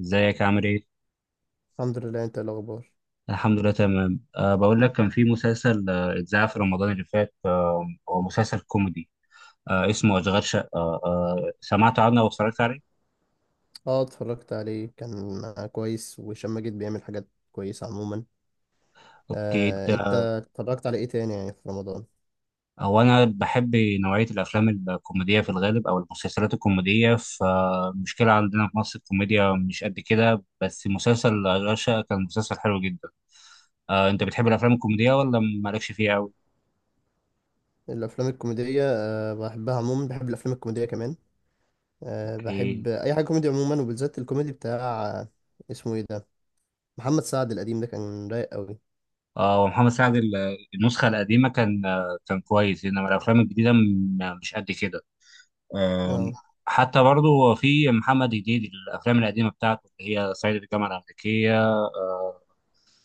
ازيك عامل ايه؟ الحمد لله. انت ايه الاخبار؟ الحمد لله تمام. بقول لك كان في مسلسل اتذاع في رمضان اللي فات، هو مسلسل كوميدي، اسمه أشغال شقة. أه آه، سمعت عنه أو اتفرجت عليه؟ اه، اتفرجت عليه. كان كويس، وهشام ماجد بيعمل حاجات كويسه عموما. اوكي. آه، انت اتفرجت على ايه تاني يعني في رمضان؟ هو أنا بحب نوعية الأفلام الكوميدية في الغالب أو المسلسلات الكوميدية، فالمشكلة عندنا في مصر الكوميديا مش قد كده، بس مسلسل أشغال شقة كان مسلسل حلو جدا. أنت بتحب الأفلام الكوميدية ولا مالكش فيها أوي؟ الافلام الكوميديه بحبها عموما. بحب الافلام الكوميديه كمان. اوكي. بحب اي حاجه كوميدي عموما، وبالذات الكوميدي بتاع اسمه ايه ده؟ محمد سعد القديم ده كان رايق قوي. اه، ومحمد سعد النسخة القديمة كان كان كويس، انما الافلام الجديدة مش قد كده. آم، اه. حتى برضو في محمد هنيدي الافلام القديمة بتاعته اللي هي صعيدي في الجامعة الأمريكية،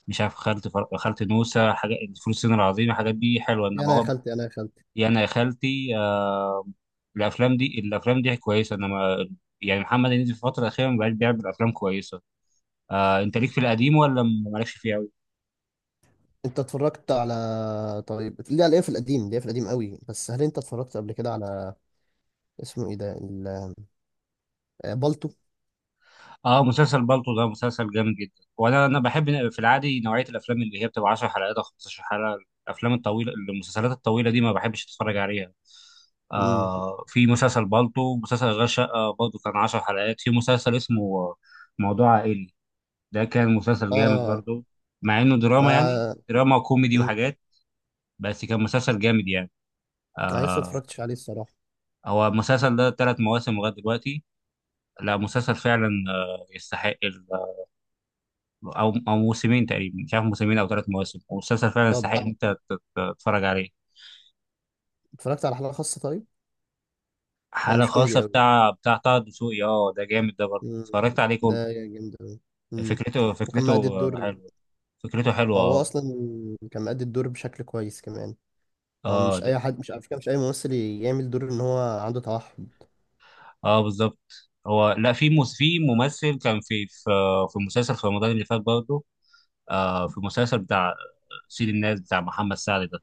مش عارف خالتي خالتي نوسة، حاجات فول الصين العظيم، الحاجات دي حلوة، يا انما انا يا هو خالتي، انا يا خالتي. يا انا يا خالتي. الافلام دي كويسة انما، يعني محمد هنيدي في الفترة الأخيرة ما بقاش بيعمل أفلام كويسة. أنت ليك في القديم ولا مالكش فيه أوي؟ انت اتفرجت على طيب ليه؟ على ايه في القديم؟ ليه في القديم قوي؟ بس هل انت اتفرجت قبل كده على اسمه ايه ده بالطو؟ اه، مسلسل بالطو ده مسلسل جامد جدا، وانا بحب في العادي نوعيه الافلام اللي هي بتبقى 10 حلقات او 15 حلقه. الافلام الطويله المسلسلات الطويله دي ما بحبش اتفرج عليها. امم. في مسلسل بالطو، مسلسل غير شقه برضه كان 10 حلقات، في مسلسل اسمه موضوع عائلي، ده كان مسلسل جامد اه. برضه، مع انه دراما، ما يعني دراما وكوميدي مم. وحاجات، بس كان مسلسل جامد يعني. انا لسه آه اتفرجتش عليه الصراحه. هو المسلسل ده ثلاث مواسم لغايه دلوقتي. لا، مسلسل فعلا يستحق. او موسمين تقريبا، مش عارف موسمين او ثلاث مواسم، والمسلسل فعلا طب يستحق ان انت تتفرج عليه. اتفرجت على حلقه خاصه طيب؟ هو حالة مش كوميدي خاصة قوي. بتاع طه دسوقي، اه ده جامد، ده برضه مم. اتفرجت عليه ده كله. جامد قوي. مم. فكرته وكان فكرته مأدي الدور. حلوه. فكرته حلوه، هو اه. اصلا كان مأدي الدور بشكل كويس كمان. هو اه، مش اي حد، مش على فكره، مش اي ممثل يعمل دور ان هو عنده توحد. اه بالظبط. هو لا، في في ممثل كان في مسلسل في رمضان اللي فات برضه، في مسلسل بتاع سيد الناس بتاع محمد سعد ده.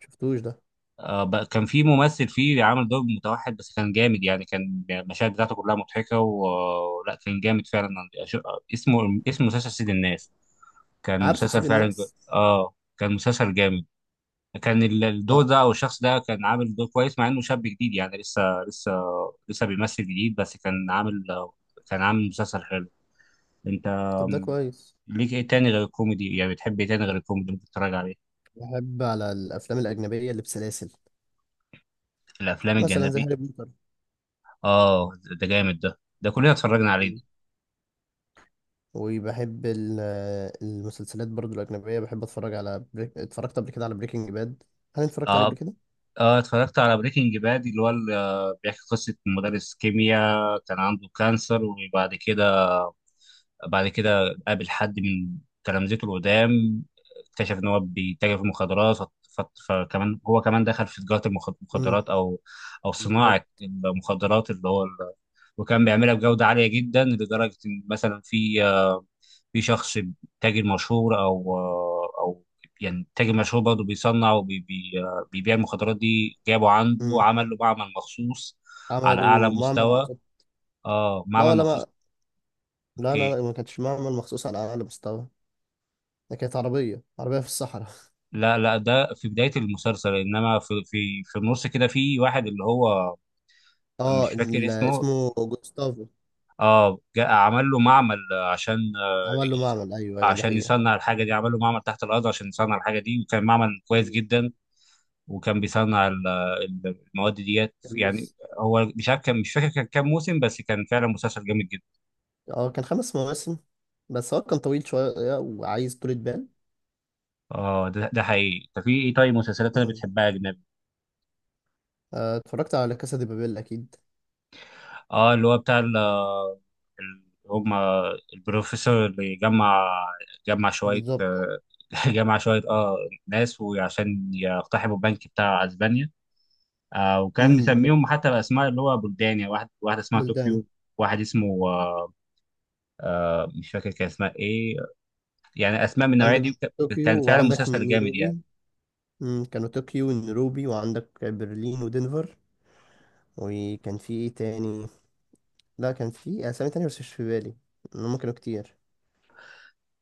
شفتوش ده؟ كان في ممثل فيه عامل دور متوحد، بس كان جامد يعني، كان المشاهد بتاعته كلها مضحكة، ولا كان جامد فعلا. أش- اسمه اسم مسلسل سيد الناس، كان عارفه مسلسل سيد فعلا. الناس. اه كان مسلسل جامد. كان الدور لا. ده او الشخص ده كان عامل دور كويس، مع انه شاب جديد، يعني لسه لسه لسه بيمثل جديد، بس كان عامل كان عامل مسلسل حلو. انت طب ده كويس. ليك ايه تاني غير الكوميدي؟ يعني بتحب ايه تاني غير الكوميدي ممكن تتفرج عليه؟ بحب على الافلام الاجنبيه اللي بسلاسل، الافلام مثلا زي الجانبية؟ هاري بوتر. اه ده جامد، ده كلنا اتفرجنا عليه. وبحب المسلسلات برضو الأجنبية. بحب أتفرج على اتفرجت قبل كده على بريكنج باد. هل أنت اتفرجت عليه اه، قبل كده؟ اه، اتفرجت على بريكنج باد، اللي هو بيحكي قصة مدرس كيمياء كان عنده كانسر، وبعد كده بعد كده قابل حد من تلامذته القدام، اكتشف ان هو بيتاجر في المخدرات، فكمان هو كمان دخل في تجارة امم. المخدرات، او صناعة بالظبط. المخدرات اللي هو وكان بيعملها بجودة عالية جدا، لدرجة ان مثلا في شخص، تاجر مشهور او او يعني تاجر مشهور برضه بيصنع وبيبيع المخدرات دي، جابه عنده امم. عمل له معمل مخصوص على اعلى عملوا معمل مستوى. بالظبط. اه لا، معمل ولا ما، مخصوص. لا، اوكي. لا، لا، ما كانتش معمل مخصوص على أعلى مستوى. ده كانت عربية عربية في الصحراء. لا لا، ده في بداية المسلسل، انما في النص كده في واحد اللي هو، اه، مش فاكر اسمه، اسمه جوستافو. اه، جاء عمل له معمل عشان عمل له يس- معمل. أيوه، أيوه، دي عشان حقيقة. يصنع الحاجة دي، عمل له معمل تحت الأرض عشان يصنع الحاجة دي، وكان معمل كويس امم. جدا، وكان بيصنع المواد ديت كان يعني. لسه. هو مش عارف، كان مش فاكر كان كام موسم، بس كان فعلا مسلسل جامد جدا. اه. كان خمس مواسم، بس هو كان طويل شوية وعايز طولة بال. اه ده، حقيقي. طب في ايه طيب مسلسلات انا امم. بتحبها يا اجنبي؟ اتفرجت على كاسا دي بابيل أكيد. اه، اللي هو بتاع هم البروفيسور اللي جمع شوية بالظبط. جمع شوية ناس وعشان يقتحموا البنك بتاع اسبانيا. وكان امم. بالظبط. مسميهم حتى بأسماء اللي هو بلدان، يعني واحد واحد اسمها بلدان. طوكيو، واحد اسمه مش فاكر كان اسمها ايه، يعني اسماء من النوعيه عندك دي طوكيو كان فعلا وعندك مسلسل جامد يعني. نيروبي. مم، كانوا طوكيو ونيروبي وعندك برلين ودنفر. وكان في ايه تاني؟ لا، كان في اسامي تانية بس مش في بالي. إن هما كانوا كتير.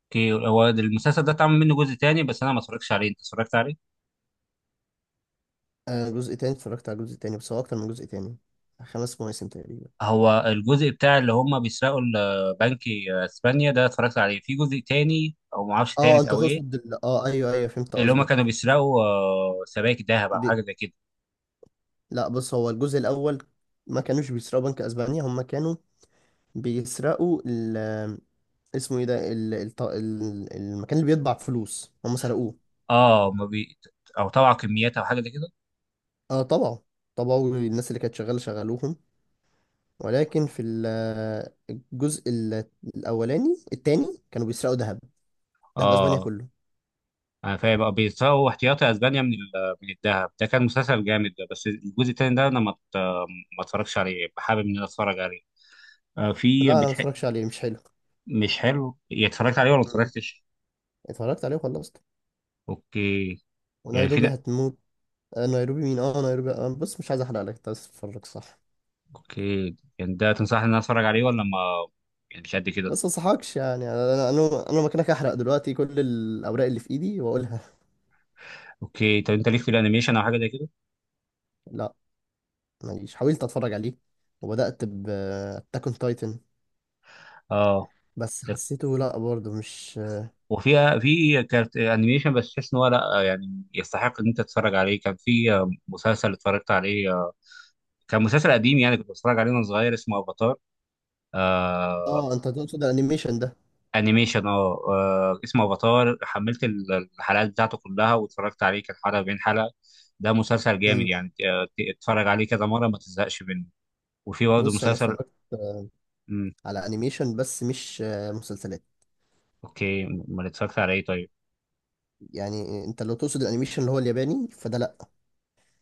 اوكي. هو المسلسل ده اتعمل منه جزء تاني، بس انا ما اتفرجتش عليه، انت اتفرجت عليه؟ آه، جزء تاني. اتفرجت على جزء تاني، بس هو اكتر من جزء تاني. خمس مواسم تقريبا. هو الجزء بتاع اللي هم بيسرقوا بنك اسبانيا ده، اتفرجت عليه في جزء تاني او ما اعرفش اه، تالت انت او ايه؟ تقصد اه، ايوه، ايوه، فهمت اللي هم كانوا قصدك. بيسرقوا سبائك ذهب او بي... حاجه زي كده. لا، بص هو الجزء الاول. ما كانوش بيسرقوا بنك اسبانيا، هما كانوا بيسرقوا اسمه ايه ده المكان اللي بيطبع فلوس هما سرقوه. اه ما بي... او طبعا كميات او حاجه زي كده. اه طبعا، طبعا الناس اللي كانت شغاله شغلوهم. ولكن في الجزء الاولاني التاني كانوا بيسرقوا ذهب. ذهب اسبانيا اه كله. انا فاهم بقى، بيسرقوا احتياطي اسبانيا من من الذهب. ده كان مسلسل جامد ده، بس الجزء التاني ده انا ما اتفرجش عليه، حابب ان انا اتفرج عليه. آه، في لا، انا ما بتح... اتفرجش عليه، مش حلو. مش حلو، يعني اتفرجت عليه ولا ما مم. اتفرجتش؟ اتفرجت عليه وخلصت. اوكي. يعني ونيروبي هتموت. آه، نيروبي مين؟ اه، نيروبي. آه، بص مش عايز احرق لك انت، بس اتفرج صح. اوكي، يعني ده تنصحني ان انا اتفرج عليه ولا ما، يعني مش قد كده؟ بس ما انصحكش، يعني انا مكانك احرق دلوقتي كل الاوراق اللي في ايدي واقولها. اوكي. طب انت ليك في الانيميشن او حاجه زي كده؟ لا، ماليش. حاولت اتفرج عليه، وبدات ب اون تايتن، اه بس ده، حسيته لا برضه مش. وفي كارت انيميشن بس تحس ان هو لا، يعني يستحق ان انت تتفرج عليه. كان في مسلسل اتفرجت عليه كان مسلسل قديم، يعني كنت بتفرج عليه وانا صغير، اسمه افاتار آه، اه، انت تقصد الانيميشن ده؟ انيميشن، اه، اسمه افاتار، حملت الحلقات بتاعته كلها واتفرجت عليه، كان حلقه بين حلقه، ده مسلسل جامد مم. يعني. اتفرج عليه كذا مره ما تزهقش منه. وفي برضه بص انا مسلسل. اتفرجت مم. على انيميشن، بس مش مسلسلات. اوكي ما اتفرجت على ايه طيب؟ يعني انت لو تقصد الانيميشن اللي هو الياباني فده لا،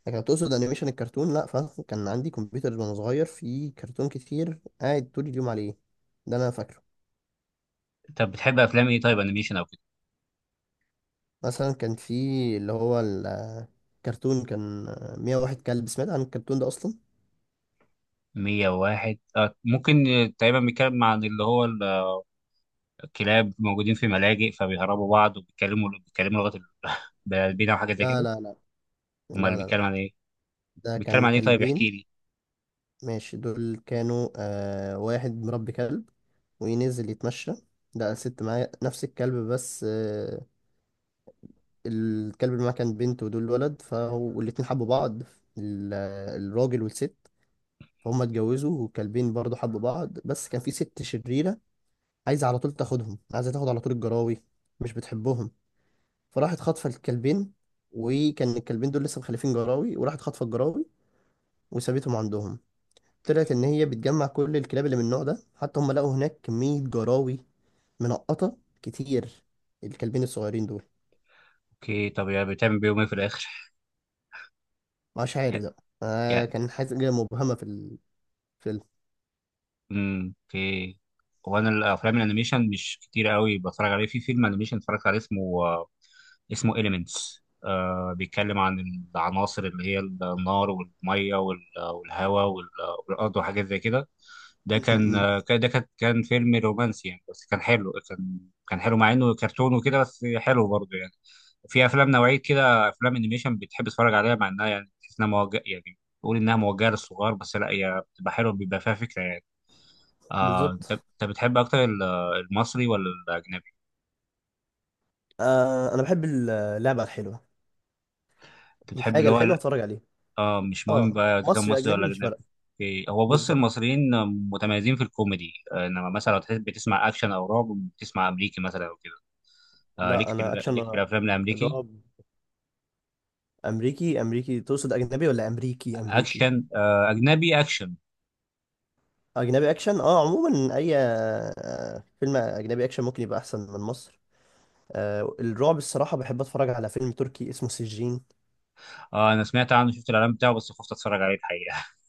لكن لو تقصد انيميشن الكرتون لا، فكان عندي كمبيوتر وانا صغير فيه كرتون كتير، قاعد طول اليوم عليه. ده انا فاكره. طب بتحب افلام ايه طيب، انيميشن او كده؟ مثلا كان في، اللي هو الكرتون، كان 101 كلب. سمعت عن الكرتون ده اصلا؟ 101؟ ممكن. تقريبا بيتكلم عن اللي هو الكلاب موجودين في ملاجئ، فبيهربوا بعض وبيتكلموا لغه البلدين او حاجه زي لا، كده. لا، لا، لا، امال لا، لا. بيتكلم عن ايه؟ ده بيتكلم كان عن ايه طيب، كلبين. احكي لي. ماشي، دول كانوا واحد مربي كلب وينزل يتمشى، لقى ست معاه نفس الكلب، بس الكلب اللي معاه كان بنت ودول ولد، فهو والاتنين حبوا بعض، الراجل والست. فهم اتجوزوا، والكلبين برضه حبوا بعض، بس كان في ست شريرة عايزة على طول تاخدهم، عايزة تاخد على طول الجراوي، مش بتحبهم. فراحت خاطفة الكلبين، وكان الكلبين دول لسه مخلفين جراوي، وراحت خاطفة الجراوي وسابتهم عندهم. طلعت ان هي بتجمع كل الكلاب اللي من النوع ده، حتى هم لقوا هناك كمية جراوي منقطة كتير، الكلبين الصغيرين دول. اوكي. طب يعني بتعمل بيهم ايه في الاخر؟ مش عارف ده، يعني كان حاجة مبهمة في الفيلم. اوكي. هو انا الافلام الانيميشن مش كتير قوي بتفرج عليه، في فيلم انيميشن اتفرجت عليه اسمه إليمنتس، بيتكلم عن العناصر، اللي هي النار والميه والهواء والارض وحاجات زي كده. ده م- كان م. ده كان فيلم رومانسي، يعني بس كان حلو، كان حلو، مع انه كرتون وكده، بس حلو برضه يعني. في افلام نوعيه كده، افلام انيميشن بتحب تتفرج عليها، مع انها يعني تحس انها موجهه، يعني تقول انها موجهه للصغار، بس لا، هي بتبقى حلوه، بيبقى فيها فكره يعني. انت بالظبط. انت بتحب اكتر المصري ولا الاجنبي؟ انا بحب اللعبة الحلوة، انت بتحب الحاجة اللي هو الحلوة اتفرج عليها. اه، مش مهم اه، بقى اذا كان مصري مصري اجنبي ولا مش اجنبي. فارقة. اوكي. هو بص بالظبط. المصريين متميزين في الكوميدي، انما مثلا لو تحب تسمع اكشن او رعب بتسمع امريكي مثلا او كده. ليك لا، في انا ليك في اكشن، الافلام الامريكي؟ رعب. امريكي امريكي تقصد، اجنبي ولا امريكي امريكي؟ اكشن، اجنبي اكشن. اجنبي اكشن. اه عموما اي فيلم اجنبي اكشن ممكن يبقى احسن من مصر. الرعب الصراحة بحب اتفرج على فيلم تركي اسمه سجين. انا سمعت عنه، شفت الاعلان بتاعه، بس خفت اتفرج عليه الحقيقه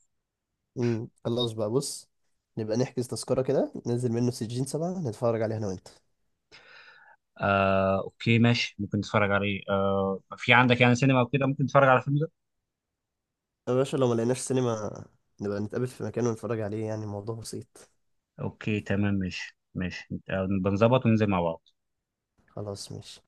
خلاص بقى، بص، نبقى نحجز تذكرة، كده ننزل منه سجين 7 نتفرج عليه انا وانت. اوكي ماشي، ممكن نتفرج عليه. في عندك يعني سينما وكده ممكن نتفرج على الفيلم ده؟ يا باشا، لو ما لقيناش سينما، نبقى نتقابل في مكان ونتفرج عليه، يعني الموضوع بسيط. اوكي تمام، ماشي ماشي، بنظبط وننزل مع بعض. خلاص ماشي.